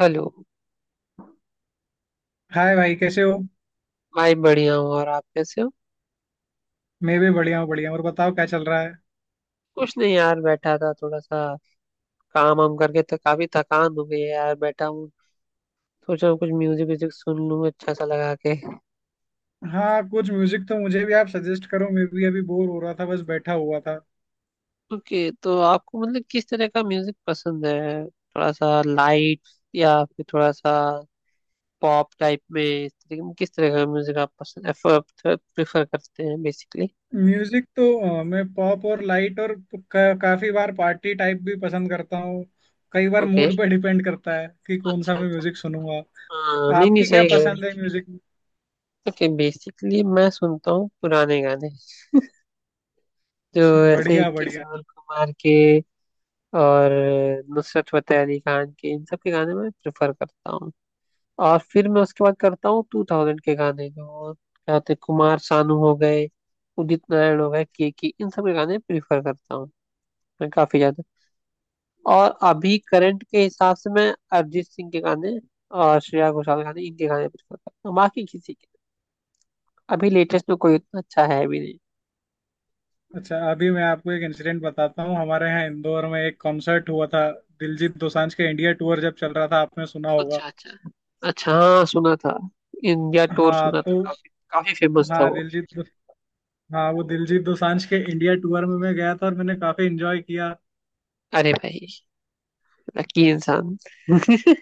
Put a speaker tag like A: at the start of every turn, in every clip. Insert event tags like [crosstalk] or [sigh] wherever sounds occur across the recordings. A: Hello.
B: Hi भाई कैसे हो?
A: भाई बढ़िया हूँ, और आप कैसे हो?
B: मैं भी बढ़िया हूँ बढ़िया हूँ। और बताओ क्या चल रहा है?
A: कुछ नहीं यार, बैठा था थोड़ा सा। काम वाम करके तो काफी थकान हो गई है यार, बैठा हूँ। सोचा हूँ कुछ म्यूजिक व्यूजिक सुन लूँ अच्छा सा लगा के।
B: हाँ कुछ म्यूजिक तो मुझे भी आप सजेस्ट करो, मैं भी अभी बोर हो रहा था, बस बैठा हुआ था।
A: ओके, तो आपको मतलब किस तरह का म्यूजिक पसंद है? थोड़ा सा लाइट या फिर थोड़ा सा पॉप टाइप में, इस तरह किस तरह का म्यूजिक आप पसंद प्रेफर करते हैं बेसिकली?
B: म्यूजिक तो मैं पॉप और लाइट और काफी बार पार्टी टाइप भी पसंद करता हूँ। कई बार
A: ओके।
B: मूड पे डिपेंड करता है कि कौन सा
A: अच्छा
B: मैं
A: अच्छा
B: म्यूजिक
A: अच्छा।
B: सुनूंगा।
A: हाँ नहीं नहीं,
B: आपकी क्या
A: सही कह
B: पसंद है
A: रहे।
B: म्यूजिक में?
A: ओके, बेसिकली मैं सुनता हूँ पुराने गाने, जो
B: अच्छा,
A: ऐसे
B: बढ़िया बढ़िया।
A: किशोर कुमार के और नुसरत फतेह अली खान के, इन सब के गाने मैं प्रेफर करता हूँ। और फिर मैं उसके बाद करता हूँ 2000 के गाने, जो क्या होते हैं, कुमार सानू हो गए, उदित नारायण हो गए, के, इन सब के गाने प्रेफर करता हूँ मैं काफी ज्यादा। और अभी करंट के हिसाब से मैं अरिजीत सिंह के गाने और श्रेया घोषाल के गाने, इनके गाने प्रेफर करता हूँ, बाकी किसी के अभी लेटेस्ट में कोई उतना अच्छा है भी नहीं।
B: अच्छा, अभी मैं आपको एक इंसिडेंट बताता हूँ। हमारे यहाँ इंदौर में एक कॉन्सर्ट हुआ था। दिलजीत दोसांझ के इंडिया टूर जब चल रहा था आपने सुना होगा।
A: अच्छा अच्छा। अच्छा हाँ, सुना था। इंडिया टूर
B: हाँ
A: सुना था,
B: तो।
A: काफी काफी फेमस था
B: हाँ
A: वो।
B: दिलजीत। हाँ, वो दिलजीत दोसांझ के इंडिया टूर में मैं गया था और मैंने काफी एंजॉय किया।
A: अरे भाई, लकी इंसान। [laughs]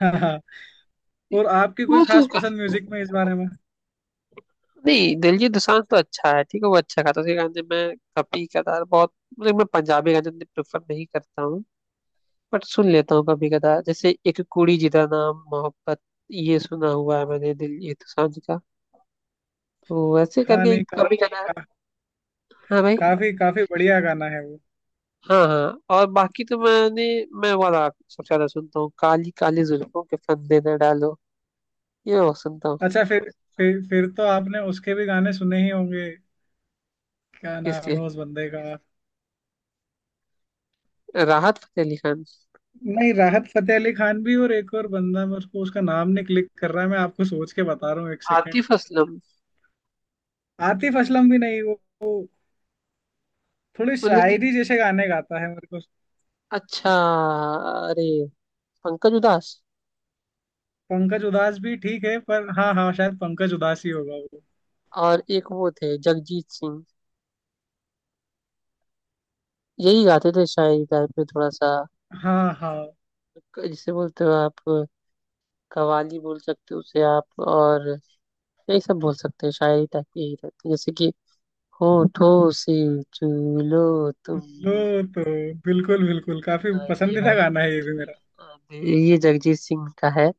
B: [laughs] हाँ। और आपकी कोई
A: वो तो
B: खास पसंद
A: काफी।
B: म्यूजिक में इस बारे में?
A: नहीं, दिलजीत दोसांझ तो अच्छा है, ठीक है, वो अच्छा गाता है, उसके गाने मैं कभी कदार बहुत। मतलब मैं पंजाबी गाने इतने प्रेफर नहीं करता हूँ, बट सुन लेता हूँ कभी कदार, जैसे एक कुड़ी जिदा नाम मोहब्बत, ये सुना हुआ है मैंने दिलजीत दोसांझ का। तो वैसे
B: हाँ
A: करके
B: नहीं,
A: एक कभी कदार। हाँ भाई।
B: काफी काफी बढ़िया गाना है वो।
A: हाँ हाँ, और बाकी तो मैंने, मैं वाला सबसे ज्यादा सुनता हूँ, काली काली जुल्फों के फंदे न डालो, ये वो सुनता हूँ।
B: अच्छा। फिर तो आपने उसके भी गाने सुने ही होंगे। क्या नाम
A: किसके?
B: है उस बंदे का?
A: राहत फतेह अली खान?
B: नहीं राहत फतेह अली खान भी, और एक और बंदा, मैं उसको उसका नाम नहीं क्लिक कर रहा है, मैं आपको सोच के बता रहा हूँ, एक सेकेंड।
A: आतिफ असलम?
B: आतिफ असलम भी नहीं। वो थोड़ी
A: मतलब कि,
B: शायरी जैसे गाने गाता है मेरे को।
A: अच्छा, अरे, पंकज उधास।
B: पंकज उदास भी ठीक है, पर हाँ हाँ शायद पंकज उदास ही होगा वो।
A: और एक वो थे जगजीत सिंह, यही गाते थे शायरी टाइप में थोड़ा सा,
B: हाँ हाँ।
A: जिसे बोलते हो आप कवाली, बोल सकते हो उसे आप। और यही सब बोल सकते हैं शायरी टाइप, यही रहती है, जैसे कि होठों से चूलो
B: लो
A: तुम।
B: तो बिल्कुल बिल्कुल काफी
A: हाँ, ये
B: पसंदीदा
A: वाला
B: गाना है ये भी मेरा।
A: ये जगजीत सिंह का है,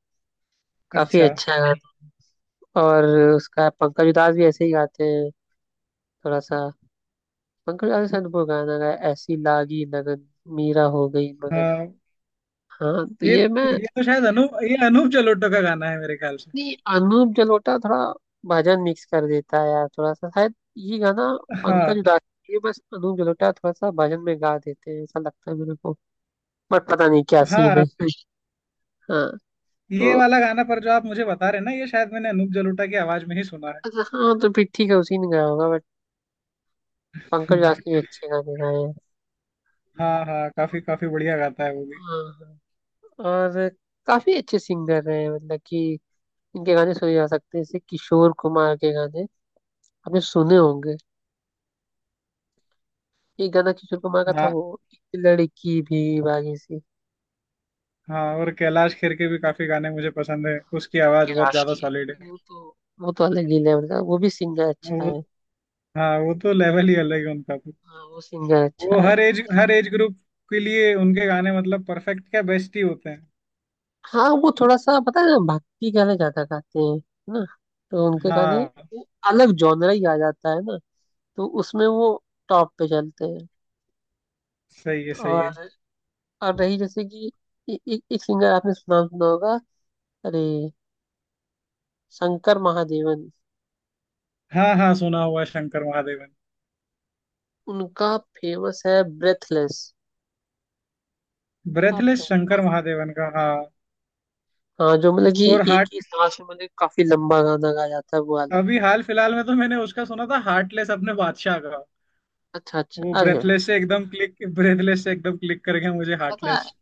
A: काफी
B: अच्छा,
A: अच्छा गाना। और उसका पंकज उधास भी ऐसे ही गाते हैं थोड़ा सा। पंकज उधास ने शायद वो गाना गाया, ऐसी लागी लगन, मीरा हो गई मगन।
B: हाँ।
A: हाँ तो
B: ये
A: ये मैं।
B: ये तो शायद अनूप जलोटो का गाना है मेरे ख्याल से।
A: नहीं, अनूप जलोटा थोड़ा भजन मिक्स कर देता है यार थोड़ा सा, शायद ये गाना पंकज
B: हाँ
A: उधास। ये बस अनूप जलोटा थोड़ा सा भजन में गा देते हैं, ऐसा लगता है मेरे को, बट पता नहीं क्या सीन
B: हाँ।
A: है। [laughs] हाँ।
B: ये
A: तो
B: वाला गाना पर जो आप मुझे बता रहे हैं ना, ये शायद मैंने अनूप जलोटा की आवाज में ही सुना
A: अच्छा हाँ, तो फिर ठीक है, उसी ने गाया होगा, बट पंकज
B: है। [laughs]
A: उधास ने भी अच्छे गाने गाए हैं।
B: हाँ हाँ, काफी काफी बढ़िया गाता है वो भी।
A: हाँ हाँ। और काफी अच्छे सिंगर रहे हैं, मतलब कि इनके गाने सुने जा सकते हैं, जैसे किशोर कुमार के गाने आपने सुने होंगे। एक गाना किशोर कुमार का था
B: हाँ
A: वो, एक लड़की भी बागी सी।
B: हाँ। और कैलाश खेर के भी काफी गाने मुझे पसंद है, उसकी आवाज बहुत
A: कैलाश
B: ज्यादा
A: की?
B: सॉलिड है।
A: वो तो अलग ही लेवल का, वो भी सिंगर अच्छा
B: वो
A: है।
B: हाँ, वो तो लेवल ही अलग है उनका।
A: हाँ वो सिंगर
B: वो
A: अच्छा है।
B: हर एज ग्रुप के लिए उनके गाने मतलब परफेक्ट, क्या बेस्ट ही होते हैं।
A: हाँ वो थोड़ा सा, पता है ना, भक्ति गाने ज्यादा गाते हैं है ना, तो उनके गाने,
B: हाँ
A: वो अलग जॉनरा ही आ जाता है ना, तो उसमें वो टॉप पे चलते हैं।
B: सही है सही है।
A: और और रही जैसे कि, ए, ए, एक सिंगर, आपने सुना सुना होगा, अरे, शंकर महादेवन।
B: हाँ हाँ सुना हुआ है शंकर महादेवन।
A: उनका फेमस है ब्रेथलेस। आपने,
B: ब्रेथलेस शंकर महादेवन का, हाँ।
A: हाँ, जो मतलब कि
B: और
A: एक
B: हार्ट
A: ही सांस में, मतलब काफी लंबा गाना गाया जाता है वो वाला।
B: अभी हाल फिलहाल में तो मैंने उसका सुना था हार्टलेस, अपने बादशाह का।
A: अच्छा अच्छा,
B: वो
A: अरे भाई,
B: ब्रेथलेस से एकदम क्लिक कर गया मुझे
A: पता है,
B: हार्टलेस।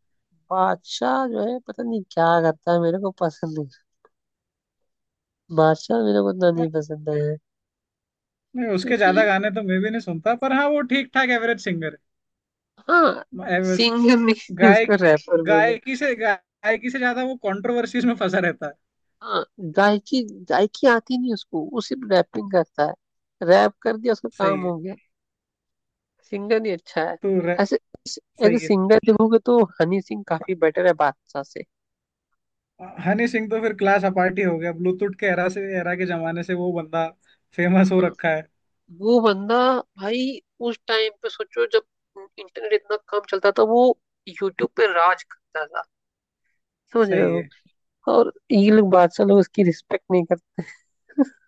A: बादशाह जो है, पता नहीं क्या करता है, मेरे को पसंद नहीं। बादशाह मेरे को उतना नहीं पसंद है,
B: नहीं उसके ज्यादा
A: क्योंकि,
B: गाने तो मैं भी नहीं सुनता, पर हाँ वो ठीक ठाक एवरेज सिंगर
A: हाँ,
B: है।
A: सिंगर नहीं [laughs] इसको
B: गायक
A: रैपर।
B: गायकी से ज्यादा वो कंट्रोवर्सीज में फंसा रहता है।
A: हाँ गायकी, गायकी आती नहीं उसको, वो सिर्फ रैपिंग करता है, रैप कर दिया, उसका
B: सही
A: काम
B: है।
A: हो गया। सिंगर ही अच्छा है।
B: तो
A: ऐसे,
B: सही
A: ऐसे
B: है।
A: सिंगर देखोगे तो हनी सिंह काफी बेटर है बादशाह से।
B: हनी सिंह तो फिर क्लास अपार्ट ही हो गया। ब्लूटूथ के एरा के जमाने से वो बंदा फेमस हो
A: हाँ
B: रखा है।
A: वो बंदा, भाई उस टाइम पे सोचो, जब इंटरनेट इतना कम चलता था, वो यूट्यूब पे राज करता था, समझ रहे
B: सही
A: हो।
B: है।
A: और ये लोग बादशाह लोग उसकी रिस्पेक्ट नहीं करते। [laughs]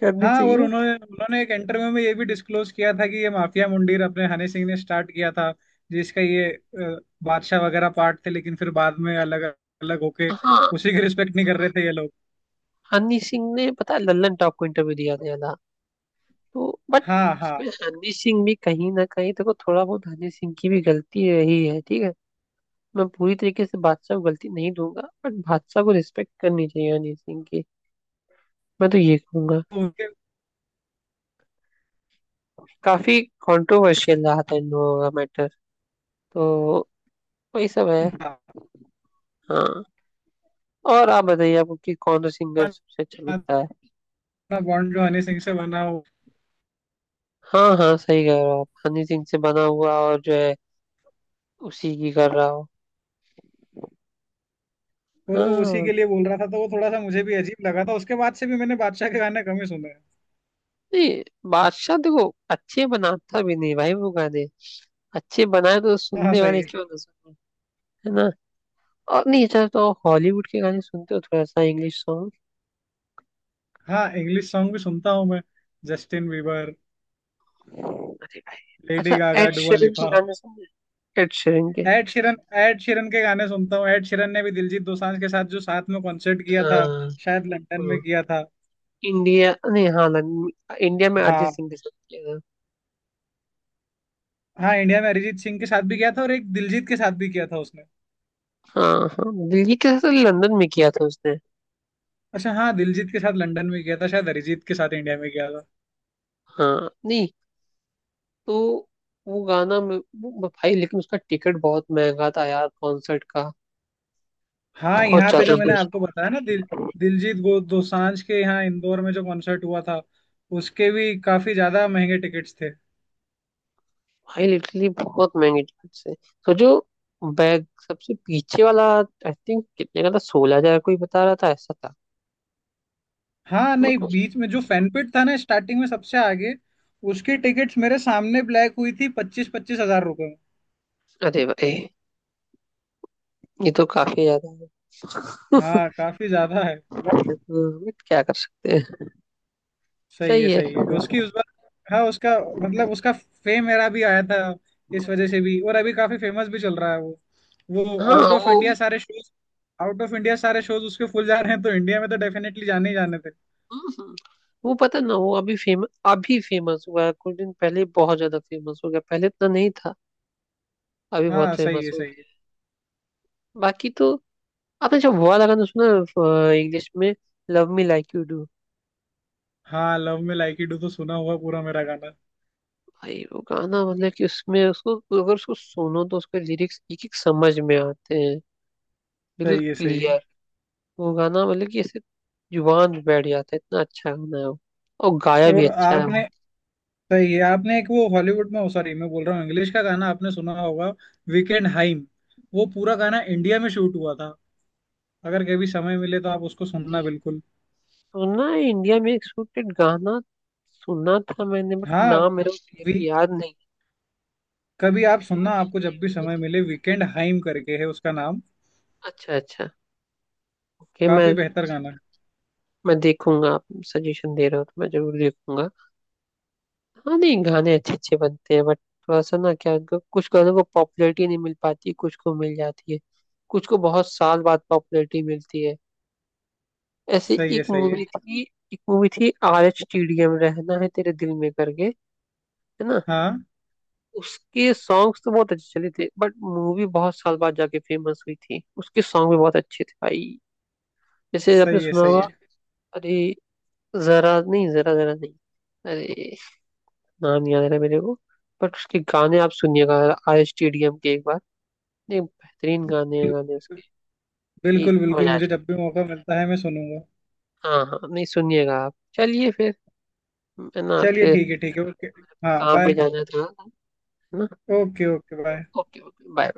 A: करनी
B: हाँ और
A: चाहिए।
B: उन्होंने उन्होंने एक इंटरव्यू में ये भी डिस्क्लोज किया था कि ये माफिया मुंडीर अपने हनी सिंह ने स्टार्ट किया था, जिसका ये बादशाह वगैरह पार्ट थे, लेकिन फिर बाद में अलग अलग होके
A: हाँ।
B: उसी की रिस्पेक्ट नहीं कर रहे थे ये लोग।
A: हनी सिंह ने पता है लल्लन टॉप को इंटरव्यू दिया था, तो बट
B: हाँ हाँ।
A: उसमें हनी सिंह भी, कहीं ना कहीं देखो थोड़ा बहुत हनी सिंह की भी गलती रही है, ठीक है। मैं पूरी तरीके से बादशाह को गलती नहीं दूंगा, बट बादशाह को रिस्पेक्ट करनी चाहिए हनी सिंह की, मैं तो ये कहूंगा।
B: तो उनके
A: काफी कंट्रोवर्शियल रहा था इन लोगों का मैटर, तो वही सब है। हाँ। और आप बताइए आपको कि कौन सा सिंगर सबसे अच्छा लगता है।
B: बॉन्ड जो हनी सिंह से बना हो,
A: हाँ हाँ, सही कह रहे हो आप, हनी सिंह से बना हुआ और जो है उसी की कर रहा हो।
B: और
A: हाँ।
B: वो उसी
A: और
B: के लिए बोल रहा था, तो वो थोड़ा सा मुझे भी अजीब लगा था, उसके बाद से भी मैंने बादशाह के गाने कम ही सुने हैं।
A: नहीं, बादशाह देखो अच्छे बनाता भी नहीं भाई वो गाने, अच्छे बनाए तो
B: हाँ
A: सुनने
B: सही
A: वाले
B: है।
A: क्यों ना सुने, है ना। और, नहीं अच्छा, तो हॉलीवुड के गाने सुनते हो थोड़ा सा, इंग्लिश सॉन्ग?
B: हाँ, इंग्लिश सॉन्ग भी सुनता हूँ मैं। जस्टिन बीबर,
A: अरे भाई
B: लेडी
A: अच्छा,
B: गागा,
A: एड
B: दुआ
A: शेरन के
B: लिपा,
A: गाने सुने? एड शेरन के।
B: Ed Sheeran. एड शिरन के गाने सुनता हूँ। एड शिरन ने भी दिलजीत दोसांझ के साथ जो साथ में कॉन्सर्ट किया था,
A: हाँ।
B: शायद लंदन में
A: हाँ
B: किया था।
A: इंडिया नहीं, हाँ, इंडिया में अरिजीत
B: हाँ
A: सिंह के साथ किया था।
B: हाँ, इंडिया में अरिजीत सिंह के साथ भी किया था और एक दिलजीत के साथ भी किया था उसने।
A: हाँ हाँ, दिल्ली के साथ लंदन में किया था उसने।
B: अच्छा हाँ, दिलजीत के साथ लंदन में किया था, शायद अरिजीत के साथ इंडिया में किया था।
A: हाँ नहीं, तो वो गाना में भाई, लेकिन उसका टिकट बहुत महंगा था यार कॉन्सर्ट का,
B: हाँ,
A: बहुत
B: यहाँ पे जो
A: ज्यादा।
B: मैंने
A: [laughs]
B: आपको बताया ना, दिलजीत गो दोसांझ के यहाँ इंदौर में जो कॉन्सर्ट हुआ था, उसके भी काफी ज्यादा महंगे टिकट्स थे।
A: भाई लिटरली बहुत महंगी टिकट्स है। सोचो, बैग सबसे पीछे वाला, आई थिंक कितने का था, 16,000 कोई बता रहा था, ऐसा था
B: हाँ
A: मेरे
B: नहीं,
A: को।
B: बीच में जो फैनपिट था ना स्टार्टिंग में सबसे आगे, उसकी टिकट्स मेरे सामने ब्लैक हुई थी 25-25 हजार रुपये में।
A: अरे भाई ये तो काफी ज्यादा है,
B: हाँ काफी ज्यादा है।
A: बट क्या कर सकते हैं।
B: सही है
A: सही है।
B: सही है उसकी उस बार। हाँ उसका, मतलब उसका फेम मेरा भी आया था इस वजह से भी, और अभी काफी फेमस भी चल रहा है वो। वो
A: हाँ वो।
B: आउट ऑफ इंडिया सारे शोज उसके फुल जा रहे हैं, तो इंडिया में तो डेफिनेटली जाने ही जाने थे।
A: हम्म, वो पता ना, वो अभी फेमस, अभी फेमस हुआ है कुछ दिन पहले, बहुत ज्यादा फेमस हो गया, पहले इतना नहीं था, अभी बहुत
B: हाँ सही
A: फेमस
B: है
A: हो
B: सही है।
A: गया। बाकी तो, आपने जब वो वाला गाना सुना इंग्लिश में, लव मी लाइक यू।
B: हाँ love me like you do तो सुना हुआ पूरा मेरा गाना।
A: भाई वो गाना, मतलब कि उसमें उसको, अगर उसको सुनो तो उसके लिरिक्स एक एक समझ में आते हैं, बिल्कुल
B: सही है सही है।
A: क्लियर। वो गाना मतलब कि ऐसे जुबान पे बैठ जाता है, इतना अच्छा गाना है वो, और गाया भी
B: और
A: अच्छा है
B: आपने
A: वो।
B: सही है। आपने एक वो हॉलीवुड में, सॉरी मैं बोल रहा हूँ, इंग्लिश का गाना आपने सुना होगा, वीकेंड हाइम। वो पूरा गाना इंडिया में शूट हुआ था, अगर कभी समय मिले तो आप उसको सुनना,
A: नहीं,
B: बिल्कुल।
A: सुना है इंडिया में एक शूटेड गाना, सुना था मैंने, बट
B: हाँ,
A: नाम मेरे को
B: वी,
A: क्लियरली याद नहीं।
B: कभी आप सुनना
A: शूट
B: आपको
A: इंडिया
B: जब भी
A: में हुआ
B: समय
A: था,
B: मिले, वीकेंड हाइम करके है उसका नाम,
A: अच्छा अच्छा। ओके मैं
B: काफी बेहतर गाना है।
A: मैं देखूंगा, आप सजेशन दे रहे हो तो मैं जरूर देखूंगा। हाँ नहीं, गाने अच्छे अच्छे बनते हैं, बट थोड़ा सा ना, क्या कुछ गानों को पॉपुलैरिटी नहीं मिल पाती, कुछ को मिल जाती है, कुछ को बहुत साल बाद पॉपुलैरिटी मिलती है। ऐसे
B: सही है
A: एक
B: सही है।
A: मूवी थी, एक मूवी थी RHTDM, रहना है तेरे दिल में, करके है ना,
B: हाँ
A: उसके सॉन्ग्स तो बहुत अच्छे चले थे, बट मूवी बहुत साल बाद जाके फेमस हुई थी, उसके सॉन्ग भी बहुत अच्छे थे भाई, जैसे आपने
B: सही है
A: सुना होगा,
B: सही है।
A: अरे, जरा नहीं। अरे नाम याद आ रहा है मेरे को, बट उसके गाने आप सुनिएगा RHTDM के एक बार, नहीं बेहतरीन गाने हैं,
B: बिल-
A: गाने उसके, कि
B: बिल्कुल बिल्कुल,
A: मजा आ
B: मुझे
A: जाए।
B: जब भी मौका मिलता है मैं सुनूंगा।
A: हाँ हाँ, नहीं सुनिएगा आप, चलिए फिर, है ना,
B: चलिए
A: फिर
B: ठीक है ठीक है, ओके। हाँ
A: काम पे
B: बाय।
A: जाना था है ना।
B: Okay okay bye.
A: Okay okay bye.